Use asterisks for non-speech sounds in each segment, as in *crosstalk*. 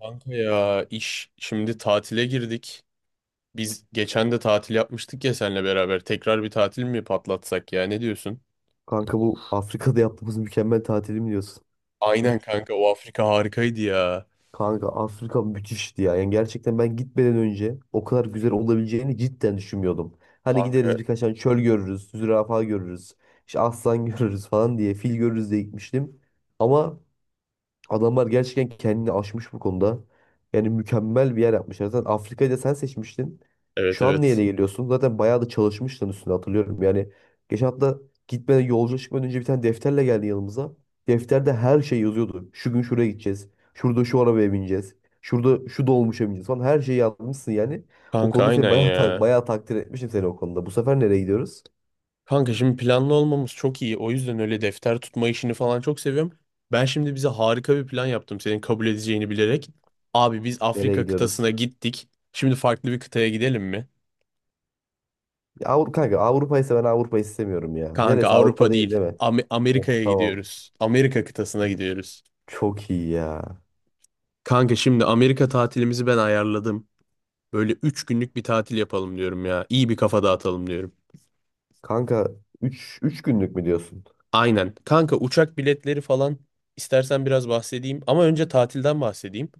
Kanka ya iş şimdi tatile girdik. Biz geçen de tatil yapmıştık ya seninle beraber. Tekrar bir tatil mi patlatsak ya ne diyorsun? Kanka bu Afrika'da yaptığımız mükemmel tatili mi diyorsun? Aynen kanka o Afrika harikaydı ya. Kanka Afrika müthişti ya. Yani gerçekten ben gitmeden önce o kadar güzel olabileceğini cidden düşünmüyordum. Hani gideriz Kanka birkaç tane çöl görürüz, zürafa görürüz, işte aslan *laughs* görürüz falan diye, fil görürüz diye gitmiştim. Ama adamlar gerçekten kendini aşmış bu konuda. Yani mükemmel bir yer yapmışlar. Zaten Afrika'yı da sen seçmiştin. evet, Şu an niye evet. geliyorsun? Zaten bayağı da çalışmıştın üstüne hatırlıyorum. Yani geçen hafta gitmeden yolculuğa çıkmadan önce bir tane defterle geldi yanımıza. Defterde her şey yazıyordu. Şu gün şuraya gideceğiz. Şurada şu arabaya bineceğiz. Şurada şu dolmuşa bineceğiz falan. Her şeyi yazmışsın yani. O Kanka konuda seni aynen bayağı, ya. bayağı takdir etmişim seni o konuda. Bu sefer nereye gidiyoruz? Kanka şimdi planlı olmamız çok iyi. O yüzden öyle defter tutma işini falan çok seviyorum. Ben şimdi bize harika bir plan yaptım senin kabul edeceğini bilerek. Abi biz Nereye Afrika gidiyoruz? kıtasına gittik. Şimdi farklı bir kıtaya gidelim mi? Ya Avrupa kanka, Avrupa'ysa ben Avrupa'yı istemiyorum ya. Kanka Neresi Avrupa Avrupa değil, değil. değil mi? Oh, Amerika'ya tamam. gidiyoruz. Amerika kıtasına gidiyoruz. Çok iyi ya. Kanka şimdi Amerika tatilimizi ben ayarladım. Böyle 3 günlük bir tatil yapalım diyorum ya. İyi bir kafa dağıtalım diyorum. Kanka üç günlük mü diyorsun? Aynen. Kanka uçak biletleri falan istersen biraz bahsedeyim. Ama önce tatilden bahsedeyim.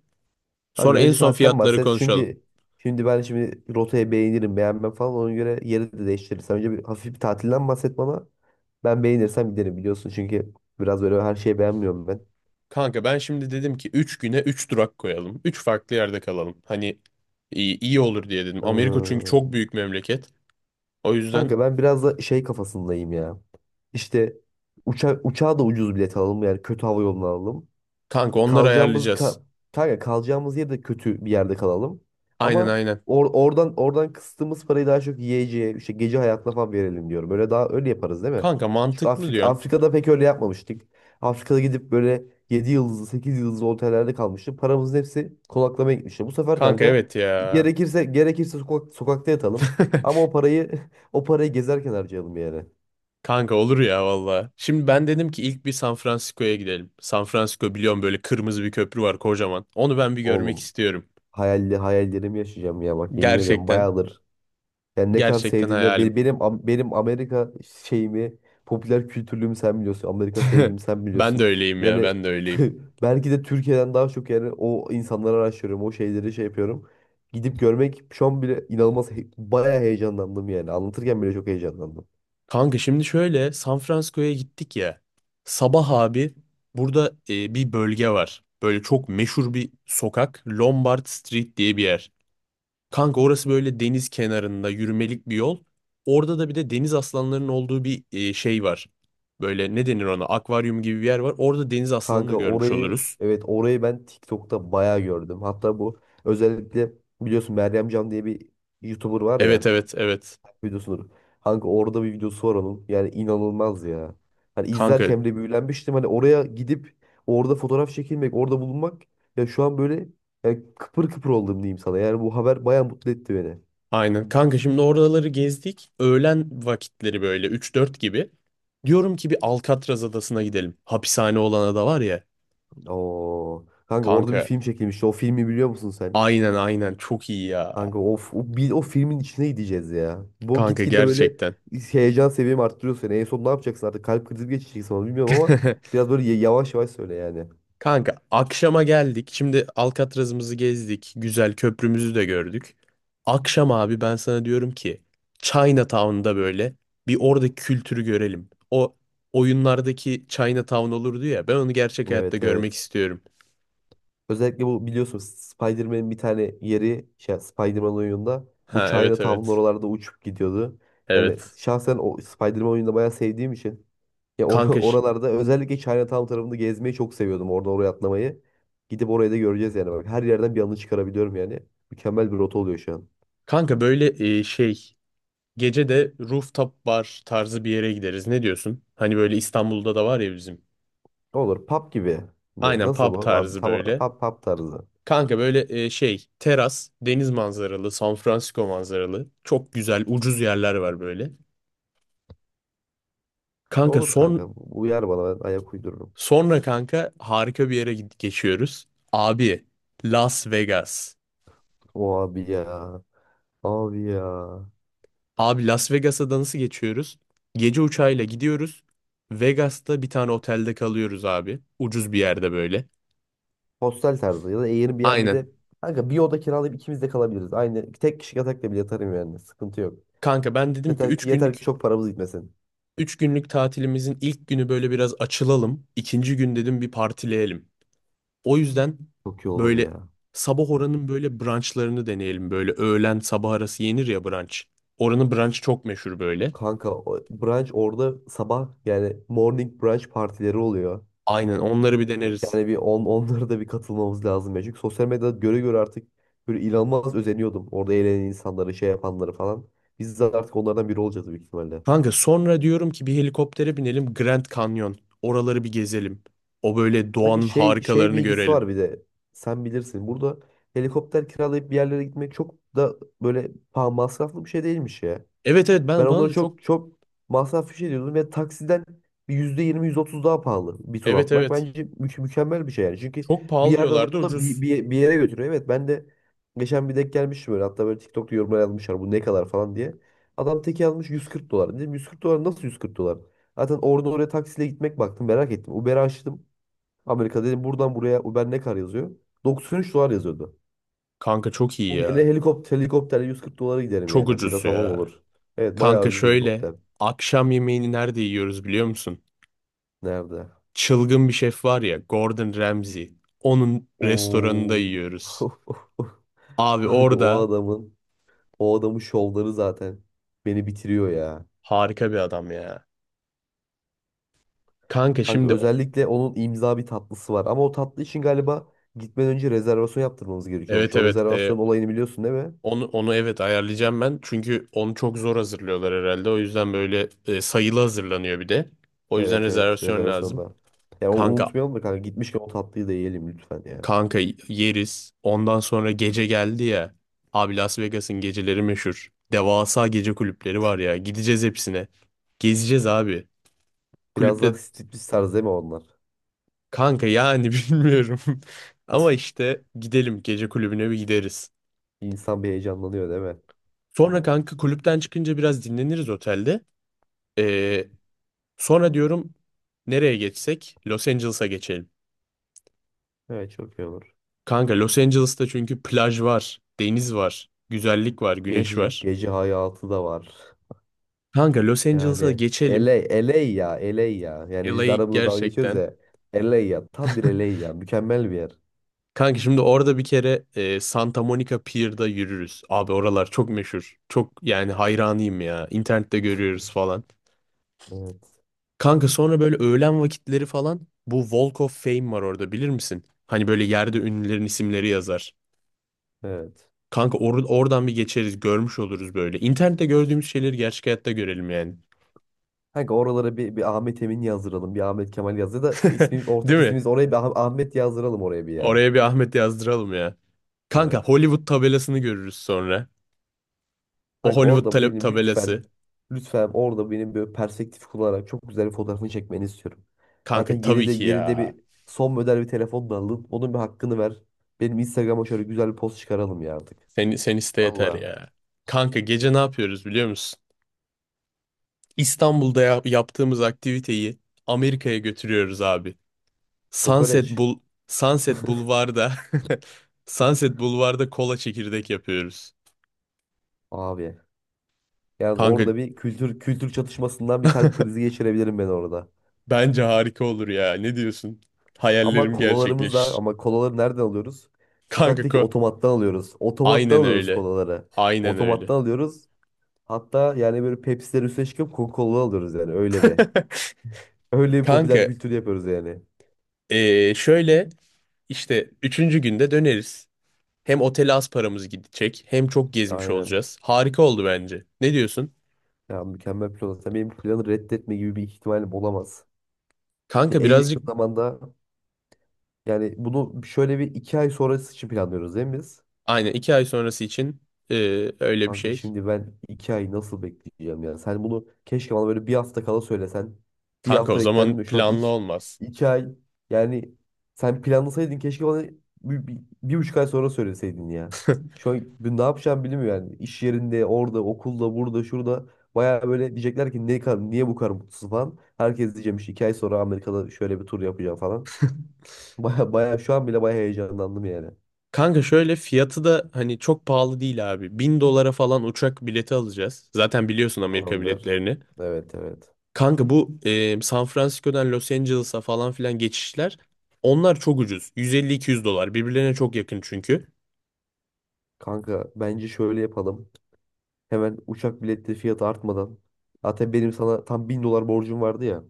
Kanka Sonra en önce son saatten fiyatları bahset, konuşalım. çünkü şimdi ben şimdi rotayı beğenirim beğenmem falan, ona göre yeri de değiştiririz. Sen önce bir hafif bir tatilden bahset bana. Ben beğenirsem giderim, biliyorsun, çünkü biraz böyle her şeyi beğenmiyorum ben. Kanka ben şimdi dedim ki 3 güne 3 durak koyalım. Üç farklı yerde kalalım. Hani iyi olur diye dedim. Amerika çünkü çok Ee, büyük memleket. O yüzden kanka ben biraz da şey kafasındayım ya. İşte uçağa da ucuz bilet alalım, yani kötü hava yolunu alalım. kanka onları Kalacağımız ayarlayacağız. ka kanka kalacağımız yerde kötü bir yerde kalalım. Aynen, Ama aynen. or oradan oradan kıstığımız parayı daha çok yiyeceğe, işte gece hayatına falan verelim diyorum. Böyle daha öyle yaparız değil mi? Kanka Çünkü mantıklı diyorsun. Afrika'da pek öyle yapmamıştık. Afrika'da gidip böyle 7 yıldızlı, 8 yıldızlı otellerde kalmıştık. Paramızın hepsi konaklamaya gitmişti. Bu sefer Kanka kanka evet ya. Gerekirse sokakta yatalım. Ama *laughs* o parayı *laughs* o parayı gezerken harcayalım yani. Kanka olur ya valla. Şimdi ben dedim ki ilk bir San Francisco'ya gidelim. San Francisco biliyorum, böyle kırmızı bir köprü var kocaman. Onu ben bir görmek Oğlum, istiyorum. Hayallerimi yaşayacağım ya, bak yemin ediyorum Gerçekten. bayağıdır. Yani ne kadar Gerçekten sevdiğimden, hayalim. Benim Amerika şeyimi, popüler kültürlüğümü sen biliyorsun. Amerika *laughs* sevgimi sen Ben de biliyorsun. öyleyim ya, Yani ben de *laughs* öyleyim. Belki de Türkiye'den daha çok, yani o insanları araştırıyorum, o şeyleri şey yapıyorum. Gidip görmek şu an bile inanılmaz, bayağı heyecanlandım yani. Anlatırken bile çok heyecanlandım. Kanka şimdi şöyle San Francisco'ya gittik ya. Sabah abi burada bir bölge var. Böyle çok meşhur bir sokak. Lombard Street diye bir yer. Kanka orası böyle deniz kenarında yürümelik bir yol. Orada da bir de deniz aslanlarının olduğu bir şey var. Böyle ne denir ona? Akvaryum gibi bir yer var. Orada deniz aslanını da Kanka görmüş orayı, oluruz. evet, orayı ben TikTok'ta bayağı gördüm. Hatta bu özellikle biliyorsun Meryem Can diye bir YouTuber var Evet, ya. evet, evet. Videosudur. Kanka orada bir videosu var onun. Yani inanılmaz ya. Hani Kanka izlerken bile büyülenmiştim. Hani oraya gidip orada fotoğraf çekilmek, orada bulunmak, ya şu an böyle, yani kıpır kıpır oldum diyeyim sana. Yani bu haber bayağı mutlu etti beni. aynen. Kanka şimdi oraları gezdik. Öğlen vakitleri böyle 3-4 gibi. Diyorum ki bir Alcatraz adasına gidelim. Hapishane olan ada var ya. Oo. Kanka orada bir Kanka film çekilmişti. O filmi biliyor musun sen? aynen, aynen, çok iyi ya. Kanka o, f- o, bir, o filmin içine gideceğiz ya. Bu Kanka gitgide böyle gerçekten. heyecan seviyemi arttırıyor seni. En son ne yapacaksın artık? Kalp krizi mi geçireceksin, onu bilmiyorum, ama *laughs* biraz böyle yavaş yavaş söyle yani. Kanka akşama geldik. Şimdi Alcatraz'ımızı gezdik. Güzel köprümüzü de gördük. Akşam abi ben sana diyorum ki Chinatown'da böyle bir oradaki kültürü görelim. O oyunlardaki Chinatown olurdu ya, ben onu gerçek hayatta Evet, görmek evet. istiyorum. Özellikle bu, biliyorsun, Spider-Man'in bir tane yeri şey, Spider-Man oyununda bu Ha, evet, Chinatown'un evet. oralarda uçup gidiyordu. Yani Evet. şahsen o Spider-Man oyununu bayağı sevdiğim için ya *laughs* Kanka, ş- oralarda özellikle Chinatown tarafında gezmeyi çok seviyordum. Orada oraya atlamayı. Gidip orayı da göreceğiz yani. Bak, her yerden bir anı çıkarabiliyorum yani. Mükemmel bir rota oluyor şu an. kanka böyle e, şey gece de rooftop bar tarzı bir yere gideriz. Ne diyorsun? Hani böyle İstanbul'da da var ya bizim. Olur, pub gibi mi? Aynen Nasıl pub bu? Tarzı Tam böyle. Pub tarzı. Kanka böyle teras, deniz manzaralı, San Francisco manzaralı. Çok güzel, ucuz yerler var böyle. Kanka Olur kanka. Uyar bana, ben ayak uydururum. sonra kanka harika bir yere geçiyoruz. Abi, Las Vegas. O abi ya. Abi ya. Abi Las Vegas'a da nasıl geçiyoruz? Gece uçağıyla gidiyoruz. Vegas'ta bir tane otelde kalıyoruz abi. Ucuz bir yerde böyle. Hostel tarzı ya da Aynen. Airbnb'de kanka bir oda kiralayıp ikimiz de kalabiliriz. Aynı tek kişi yatakla bile yatarım yani. Sıkıntı yok. Kanka ben dedim ki üç Yeter ki günlük çok paramız gitmesin. üç günlük tatilimizin ilk günü böyle biraz açılalım. İkinci gün dedim bir partileyelim. O yüzden Çok iyi olur böyle ya. sabah oranın böyle brunchlarını deneyelim. Böyle öğlen sabah arası yenir ya brunch. Oranın brunch çok meşhur böyle. Kanka o brunch orada sabah, yani morning brunch partileri oluyor. Aynen onları bir deneriz. Yani onlara da bir katılmamız lazım ya. Çünkü sosyal medyada göre göre artık böyle inanılmaz özeniyordum. Orada eğlenen insanları, şey yapanları falan. Biz de artık onlardan biri olacağız büyük ihtimalle. Kanka sonra diyorum ki bir helikoptere binelim Grand Canyon. Oraları bir gezelim. O böyle Kanka doğanın şey harikalarını bilgisi görelim. var bir de. Sen bilirsin. Burada helikopter kiralayıp bir yerlere gitmek çok da böyle paha masraflı bir şey değilmiş ya. Evet, evet, Ben bana onları da çok çok çok masraflı bir şey diyordum ve taksiden bir 20 otuz daha pahalı bir tur evet, atmak. evet, Bence mükemmel bir şey yani. Çünkü çok bir pahalı yerden diyorlardı, alıp da ucuz. Bir yere götürüyor. Evet, ben de geçen bir denk gelmiştim böyle. Hatta böyle TikTok'ta yorumlar yazmışlar bu ne kadar falan diye. Adam teki almış 140 dolar. Dedim 140 dolar, nasıl 140 dolar? Zaten oradan oraya taksiyle gitmek, baktım merak ettim. Uber açtım. Amerika dedim, buradan buraya Uber ne kadar yazıyor? 93 dolar yazıyordu. Kanka çok iyi Bunun yerine ya. Helikopterle 140 dolara giderim Çok yani. ucuz Biraz havam ya. olur. Evet, bayağı Kanka ucuz şöyle, helikopter. akşam yemeğini nerede yiyoruz biliyor musun? Nerede? Çılgın bir şef var ya, Gordon Ramsay. Onun restoranında Oo. yiyoruz. *laughs* Abi Kanka orada o adamın şovları zaten beni bitiriyor ya. harika bir adam ya. Kanka Kanka şimdi özellikle onun imza bir tatlısı var. Ama o tatlı için galiba gitmeden önce rezervasyon yaptırmamız gerekiyormuş. evet, O evet, rezervasyon olayını biliyorsun, değil mi? onu evet ayarlayacağım ben. Çünkü onu çok zor hazırlıyorlar herhalde. O yüzden böyle sayılı hazırlanıyor bir de. O yüzden Evet, evet rezervasyon lazım. rezervasyonda. Yani onu Kanka unutmayalım da kanka, gitmişken o tatlıyı da yiyelim lütfen ya. kanka yeriz. Ondan sonra gece geldi ya. Abi Las Vegas'ın geceleri meşhur. Devasa gece kulüpleri var ya. Gideceğiz hepsine. Gezeceğiz abi. Biraz Kulüple daha striptiz tarzı değil mi onlar? Kanka yani *laughs* bilmiyorum. Ama *laughs* işte gidelim, gece kulübüne bir gideriz. İnsan bir heyecanlanıyor değil mi? Sonra kanka kulüpten çıkınca biraz dinleniriz otelde. Ee, Sonra diyorum, nereye geçsek? Los Angeles'a geçelim. Evet, çok iyi olur. Kanka Los Angeles'ta çünkü plaj var, deniz var, güzellik var, güneş var. Gece hayatı da var. Kanka Los Angeles'a Yani geçelim. LA, LA ya, LA ya. Yani biz LA arabada dalga geçiyoruz gerçekten. ya. LA ya, tam bir LA *laughs* ya. Mükemmel bir yer. Kanka şimdi orada bir kere Santa Monica Pier'da yürürüz. Abi oralar çok meşhur. Çok yani hayranıyım ya. İnternette görüyoruz falan. Evet. Kanka sonra böyle öğlen vakitleri falan bu Walk of Fame var orada, bilir misin? Hani böyle yerde ünlülerin isimleri yazar. Evet. Kanka oradan bir geçeriz, görmüş oluruz böyle. İnternette gördüğümüz şeyleri gerçek hayatta görelim yani. Kanka oralara bir Ahmet Emin yazdıralım. Bir Ahmet Kemal yazdı da ismi, *laughs* ortak Değil mi? ismimiz, oraya bir Ahmet yazdıralım oraya bir ya. Oraya bir Ahmet yazdıralım ya. Evet. Kanka Hollywood tabelasını görürüz sonra. O Kanka Hollywood orada benim tabelası. lütfen, lütfen orada benim böyle perspektif kullanarak çok güzel bir fotoğrafını çekmeni istiyorum. Kanka Zaten yeni tabii de ki yerinde ya. bir son model bir telefon da aldın. Onun bir hakkını ver. Benim Instagram'a şöyle güzel bir post çıkaralım ya artık. Sen iste yeter Valla. ya. Kanka gece ne yapıyoruz biliyor musun? İstanbul'da yaptığımız aktiviteyi Amerika'ya götürüyoruz abi. Sunset Kokoreç. Bul Sunset Bulvar'da *laughs* Sunset Bulvar'da kola çekirdek yapıyoruz. Abi. Yani Kanka orada bir kültür çatışmasından bir kalp krizi geçirebilirim ben orada. bence harika olur ya. Ne diyorsun? Ama Hayallerim kolalarımız da, gerçekleşir. ama kolaları nereden alıyoruz? Kanka Sokaktaki otomattan alıyoruz. Otomattan aynen alıyoruz öyle. kolaları. Aynen öyle. Otomattan alıyoruz. Hatta yani böyle Pepsi'ler üstüne çıkıp Coca-Cola alıyoruz yani, öyle bir. *laughs* Öyle bir Kanka popüler kültür yapıyoruz yani. Şöyle işte üçüncü günde döneriz. Hem otele az paramız gidecek, hem çok gezmiş Aynen. olacağız. Harika oldu bence. Ne diyorsun? Ya mükemmel plan. Sen benim planı reddetme gibi bir ihtimalim olamaz. Ya, Kanka en yakın birazcık zamanda, yani bunu şöyle bir 2 ay sonrası için planlıyoruz değil mi biz? aynen 2 ay sonrası için öyle bir Kanka şey. şimdi ben 2 ay nasıl bekleyeceğim ya? Sen bunu keşke bana böyle bir hafta kala söylesen. Bir Kanka o hafta beklerdim zaman de şu an planlı olmaz. 2 ay, yani sen planlasaydın keşke bana 1,5 ay sonra söyleseydin ya. Şu an ben ne yapacağım bilmiyorum yani. İş yerinde, orada, okulda, burada, şurada. Baya böyle diyecekler ki ne kadar, niye bu kadar mutsuz falan. Herkes diyeceğim, işte 2 ay sonra Amerika'da şöyle bir tur yapacağım falan. *laughs* Baya baya şu an bile baya heyecanlandım yani. Kanka şöyle, fiyatı da hani çok pahalı değil abi. 1.000 dolara falan uçak bileti alacağız. Zaten biliyorsun Amerika Tamamdır. biletlerini. Evet, evet. Kanka bu San Francisco'dan Los Angeles'a falan filan geçişler onlar çok ucuz. 150-200 dolar. Birbirlerine çok yakın çünkü. Kanka bence şöyle yapalım. Hemen uçak biletleri fiyatı artmadan. Zaten benim sana tam 1.000 dolar borcum vardı ya.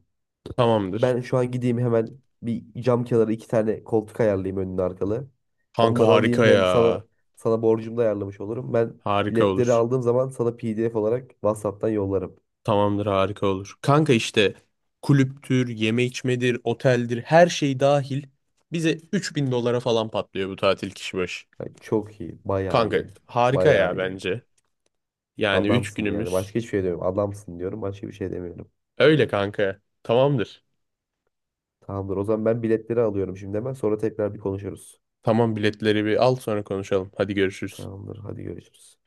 Tamamdır. Ben şu an gideyim hemen, bir cam kenarı iki tane koltuk ayarlayayım önlü arkalı. Kanka Onları alayım, harika hem sana ya. sana borcumu da ayarlamış olurum. Ben Harika biletleri olur. aldığım zaman sana PDF olarak WhatsApp'tan yollarım. Tamamdır, harika olur. Kanka işte kulüptür, yeme içmedir, oteldir, her şey dahil bize 3.000 dolara falan patlıyor bu tatil kişi başı. Yani çok iyi, bayağı Kanka iyi. harika ya Bayağı iyi. bence. Yani 3 Adamsın yani. günümüz. Başka hiçbir şey demiyorum. Adamsın diyorum. Başka bir şey demiyorum. Öyle kanka. Tamamdır. Tamamdır. O zaman ben biletleri alıyorum şimdi hemen. Sonra tekrar bir konuşuruz. Tamam, biletleri bir al sonra konuşalım. Hadi görüşürüz. Tamamdır. Hadi görüşürüz.